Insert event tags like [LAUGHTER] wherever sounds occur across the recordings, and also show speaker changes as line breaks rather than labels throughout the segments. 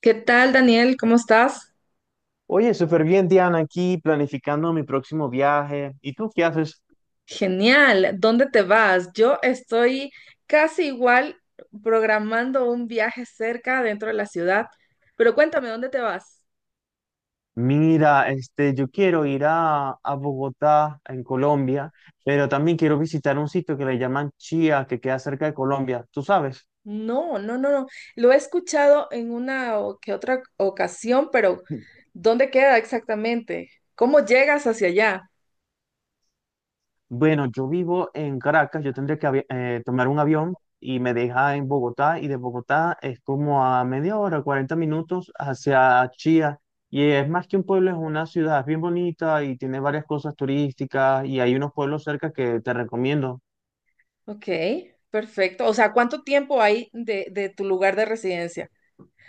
¿Qué tal, Daniel? ¿Cómo estás?
Oye, súper bien, Diana, aquí planificando mi próximo viaje. ¿Y tú qué haces?
Genial. ¿Dónde te vas? Yo estoy casi igual programando un viaje cerca dentro de la ciudad, pero cuéntame, ¿dónde te vas?
Mira, yo quiero ir a Bogotá, en Colombia, pero también quiero visitar un sitio que le llaman Chía, que queda cerca de Colombia. ¿Tú sabes?
No, no, no, no. Lo he escuchado en una o que otra ocasión, pero
[LAUGHS]
¿dónde queda exactamente? ¿Cómo llegas hacia allá?
Bueno, yo vivo en Caracas, yo tendría que tomar un avión y me deja en Bogotá, y de Bogotá es como a media hora, 40 minutos hacia Chía. Y es más que un pueblo, es una ciudad, es bien bonita y tiene varias cosas turísticas y hay unos pueblos cerca que te recomiendo.
Ok, perfecto. O sea, ¿cuánto tiempo hay de tu lugar de residencia?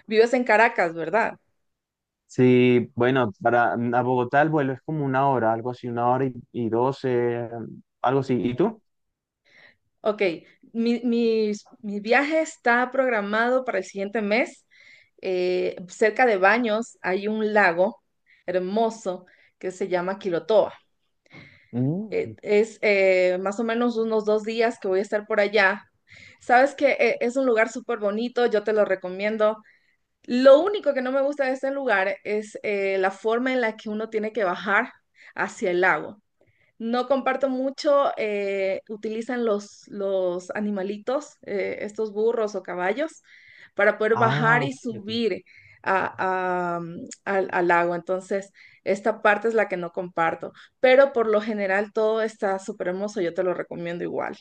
Vives en Caracas, ¿verdad?
Sí, bueno, para a Bogotá el vuelo es como una hora, algo así, una hora y 12, algo así. ¿Y tú?
Ok, mi viaje está programado para el siguiente mes. Cerca de Baños hay un lago hermoso que se llama Quilotoa.
Mm.
Es más o menos unos 2 días que voy a estar por allá. Sabes que es un lugar súper bonito, yo te lo recomiendo. Lo único que no me gusta de este lugar es la forma en la que uno tiene que bajar hacia el lago. No comparto mucho, utilizan los animalitos, estos burros o caballos, para poder bajar
Ah,
y
fíjate.
subir a- a, mm, al agua. Entonces, esta parte es la que no comparto, pero por lo general todo está súper hermoso, yo te lo recomiendo igual.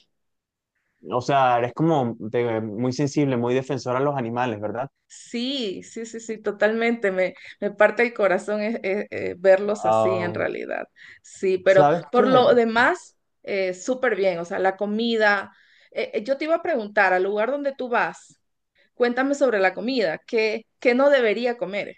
O sea, eres como muy sensible, muy defensor a los animales, ¿verdad?
Sí, sí, sí, sí, totalmente. Me parte el corazón verlos así en
Ah,
realidad. Sí, pero
¿sabes
por
qué?
lo demás, súper bien. O sea, la comida. Yo te iba a preguntar, al lugar donde tú vas, cuéntame sobre la comida. ¿Qué no debería comer?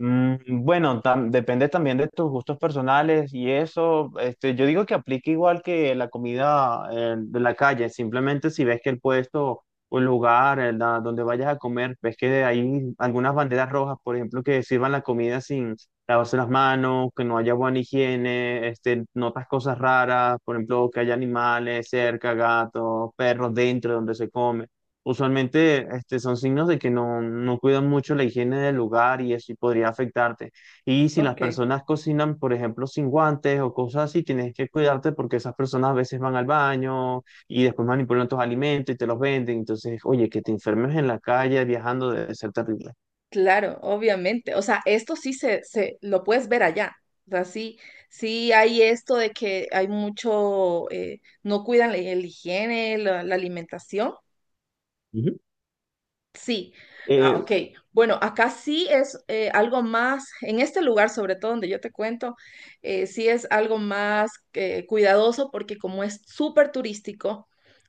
Mm, bueno, depende también de tus gustos personales y eso. Yo digo que aplica igual que la comida, de la calle. Simplemente si ves que el puesto o el lugar, donde vayas a comer, ves que hay algunas banderas rojas, por ejemplo, que sirvan la comida sin lavarse las manos, que no haya buena higiene. Notas cosas raras, por ejemplo, que haya animales cerca, gatos, perros, dentro de donde se come. Usualmente, son signos de que no cuidan mucho la higiene del lugar y eso podría afectarte. Y si las
Ok,
personas cocinan, por ejemplo, sin guantes o cosas así, tienes que cuidarte porque esas personas a veces van al baño y después manipulan tus alimentos y te los venden. Entonces, oye, que te enfermes en la calle viajando debe ser terrible.
claro, obviamente. O sea, esto sí se lo puedes ver allá. O sea, sí, sí hay esto de que hay mucho, no cuidan la higiene, la alimentación.
Ujú.
Sí, ah,
Eh,
ok. Bueno, acá sí es algo más, en este lugar sobre todo donde yo te cuento, sí es algo más cuidadoso porque como es súper turístico,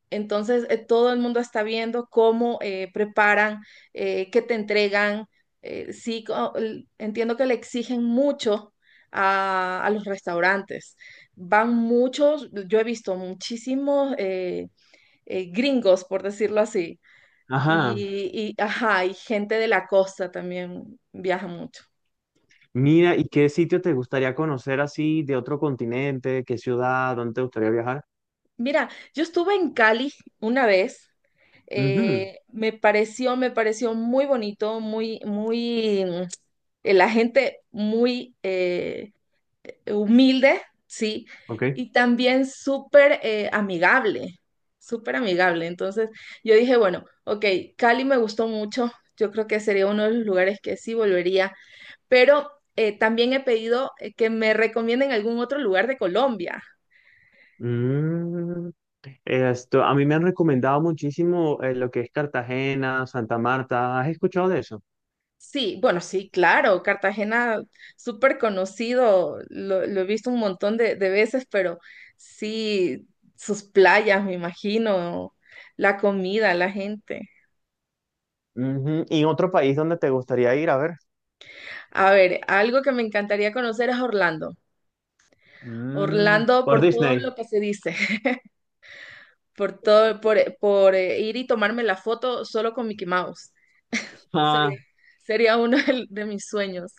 entonces todo el mundo está viendo cómo preparan, qué te entregan. Sí, entiendo que le exigen mucho a los restaurantes. Van muchos, yo he visto muchísimos gringos, por decirlo así
ajá.
y, ajá, y gente de la costa también viaja mucho.
Mira, ¿y qué sitio te gustaría conocer así de otro continente? ¿Qué ciudad? ¿Dónde te gustaría viajar?
Mira, yo estuve en Cali una vez.
Ujú.
Me pareció muy bonito, muy, muy, la gente muy, humilde, sí,
Ok.
y también súper amigable, súper amigable. Entonces yo dije, bueno, ok, Cali me gustó mucho, yo creo que sería uno de los lugares que sí volvería, pero también he pedido que me recomienden algún otro lugar de Colombia.
Mm, esto, a mí me han recomendado muchísimo, lo que es Cartagena, Santa Marta. ¿Has escuchado de eso?
Sí, bueno, sí, claro, Cartagena, súper conocido, lo he visto un montón de veces, pero sí, sus playas, me imagino, la comida, la gente.
Ujú. ¿Y otro país donde te gustaría ir? A ver.
A ver, algo que me encantaría conocer es Orlando.
Mm,
Orlando
por
por todo lo
Disney.
que se dice, [LAUGHS] por todo, por ir y tomarme la foto solo con Mickey Mouse.
Ah,
Sería, sería uno [LAUGHS] de mis sueños.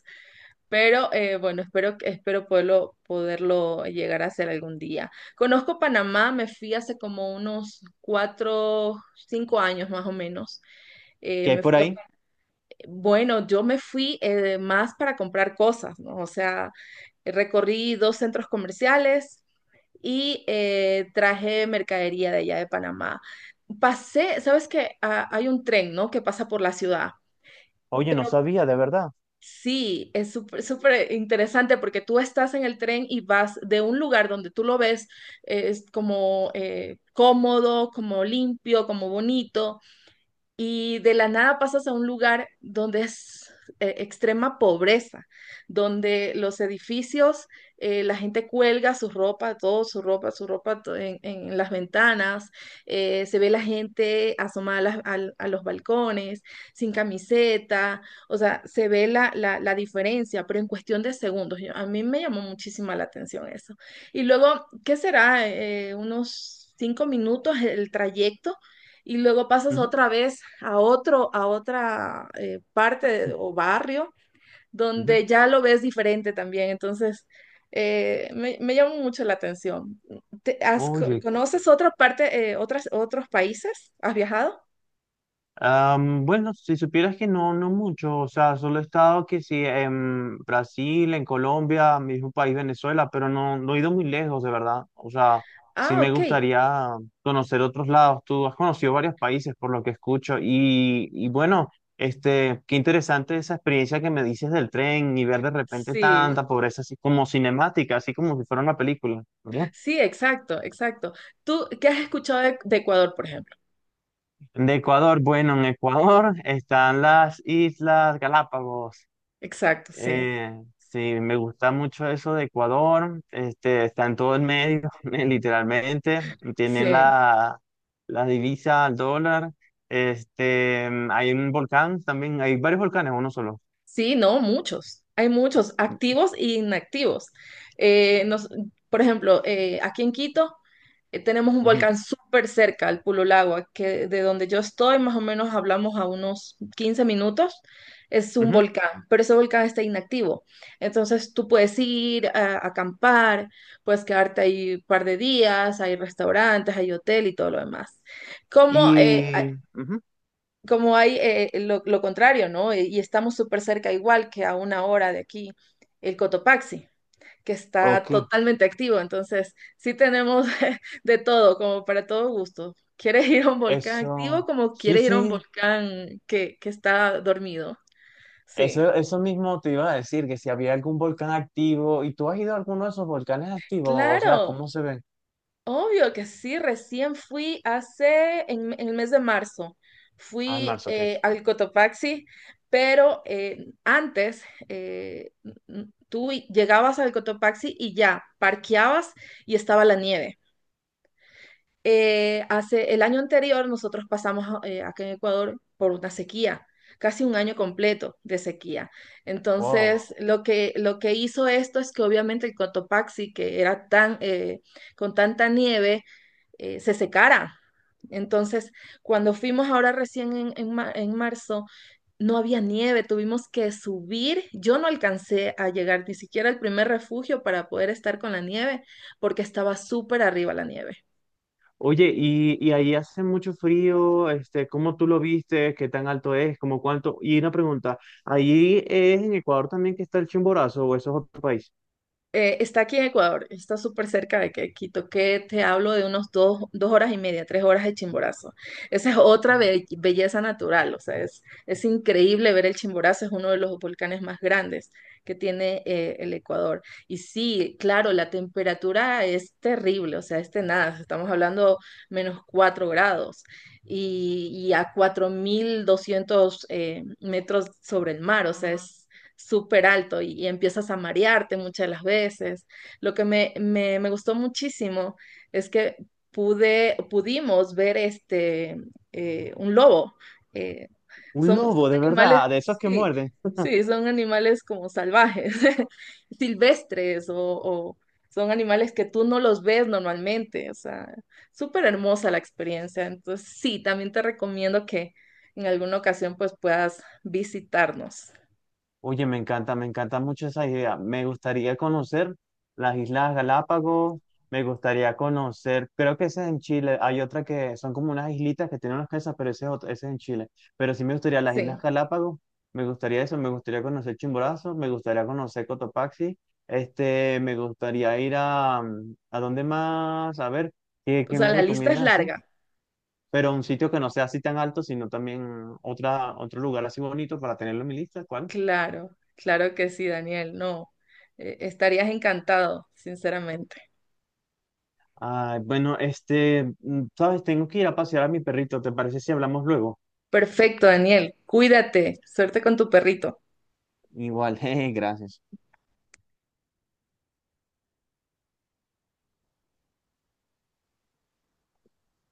Pero bueno, espero, espero poderlo llegar a hacer algún día. Conozco Panamá, me fui hace como unos cuatro, cinco años más o menos. Eh,
¿qué hay
me
por
fui a-
ahí?
bueno, yo me fui más para comprar cosas, ¿no? O sea, recorrí dos centros comerciales y traje mercadería de allá de Panamá. Pasé, sabes que hay un tren, ¿no? que pasa por la ciudad,
Oye, no
pero
sabía, de verdad.
sí, es súper súper interesante porque tú estás en el tren y vas de un lugar donde tú lo ves, es como cómodo, como limpio, como bonito y de la nada pasas a un lugar donde es extrema pobreza, donde los edificios, la gente cuelga su ropa, todo su ropa, en las ventanas, se ve la gente asomada a los balcones, sin camiseta, o sea, se ve la, la diferencia, pero en cuestión de segundos. A mí me llamó muchísima la atención eso. Y luego, ¿qué será? Unos 5 minutos el trayecto y luego pasas
Ujú,
otra vez a otro, a otra parte o barrio
ujú.
donde ya lo ves diferente también. Entonces, me llama mucho la atención. ¿Te- has- co-
Oye,
¿conoces otra parte, otras, otros países? ¿Has viajado?
Bueno, si supieras que no, no mucho. O sea, solo he estado que sí en Brasil, en Colombia, mi mismo país Venezuela, pero no, no he ido muy lejos, de verdad. O sea, sí
Ah,
me
ok.
gustaría conocer otros lados. Tú has conocido varios países por lo que escucho y, bueno, qué interesante esa experiencia que me dices del tren y ver de repente
Sí,
tanta pobreza, así como cinemática, así como si fuera una película, ¿verdad?
sí, exacto, exacto. ¿Tú qué has escuchado de Ecuador, por ejemplo?
De Ecuador, bueno, en Ecuador [LAUGHS] están las Islas Galápagos.
Exacto, sí,
Sí, me gusta mucho eso de Ecuador. Está en todo el medio, [LAUGHS] literalmente. Tienen
sí.
la divisa al dólar. Hay un volcán también. Hay varios volcanes, uno solo.
Sí, no, muchos. Hay muchos, activos e inactivos. Eh, nos- por ejemplo, aquí en Quito tenemos un
Ujú,
volcán súper cerca, el Pululagua, que de donde yo estoy, más o menos hablamos a unos 15 minutos. Es un
ujú.
volcán, pero ese volcán está inactivo. Entonces tú puedes ir a acampar, puedes quedarte ahí un par de días, hay restaurantes, hay hotel y todo lo demás. Como eh, a-
Y, ujú.
como hay lo contrario, ¿no? Y estamos súper cerca, igual que a una hora de aquí, el Cotopaxi, que está
Ok,
totalmente activo. Entonces, sí tenemos [LAUGHS] de todo, como para todo gusto. ¿Quieres ir a un volcán activo
eso,
como
sí,
quieres ir a un
sí,
volcán que está dormido? Sí.
eso mismo te iba a decir, que si había algún volcán activo. ¿Y tú has ido a alguno de esos volcanes activos? O sea,
Claro.
¿cómo se ven?
Obvio que sí, recién fui en el mes de marzo,
Ah, en
fui
marzo, ok.
al Cotopaxi, pero antes tú llegabas al Cotopaxi y ya, parqueabas y estaba la nieve. Hace el año anterior nosotros pasamos acá en Ecuador por una sequía, casi un año completo de sequía.
Wow.
Entonces, lo que hizo esto es que obviamente el Cotopaxi, que era con tanta nieve, se secara. Entonces, cuando fuimos ahora recién en marzo, no había nieve, tuvimos que subir. Yo no alcancé a llegar ni siquiera al primer refugio para poder estar con la nieve, porque estaba súper arriba la nieve.
Oye, y ahí hace mucho frío. ¿Cómo tú lo viste? ¿Qué tan alto es? ¿Cómo cuánto? Y una pregunta, ¿ahí es en Ecuador también que está el Chimborazo o eso es otro país?
Está aquí en Ecuador, está súper cerca de que Quito, que te hablo de unos dos horas y media, 3 horas de Chimborazo. Esa es otra belleza natural, o sea, es increíble ver el Chimborazo, es uno de los volcanes más grandes que tiene el Ecuador. Y sí, claro, la temperatura es terrible, o sea, es nada. Estamos hablando -4 grados y a 4.200 metros sobre el mar, o sea, es súper alto y empiezas a marearte muchas de las veces. Lo que me gustó muchísimo es que pudimos ver este, un lobo. Eh,
Un
Son,
lobo,
son
de
animales,
verdad, de esos que
sí,
muerden.
sí, son animales como salvajes, [LAUGHS] silvestres o son animales que tú no los ves normalmente. O sea, súper hermosa la experiencia. Entonces, sí, también te recomiendo que en alguna ocasión pues puedas visitarnos.
Oye, me encanta mucho esa idea. Me gustaría conocer las Islas Galápagos, me gustaría conocer, creo que esa es en Chile, hay otra que son como unas islitas que tienen unas casas, pero ese es, ese es en Chile. Pero sí, me gustaría las
Sí.
Islas Galápagos, me gustaría eso, me gustaría conocer Chimborazo, me gustaría conocer Cotopaxi. Me gustaría ir ¿a dónde más? A ver, ¿qué,
O
qué
sea,
me
la lista es
recomiendas así.
larga.
Pero un sitio que no sea así tan alto, sino también otro lugar así bonito para tenerlo en mi lista, ¿cuál?
Claro, claro que sí, Daniel. No, estarías encantado, sinceramente.
Ay, bueno, sabes, tengo que ir a pasear a mi perrito. ¿Te parece si hablamos luego?
Perfecto, Daniel. Cuídate. Suerte con tu perrito.
Igual, [LAUGHS] jeje, gracias.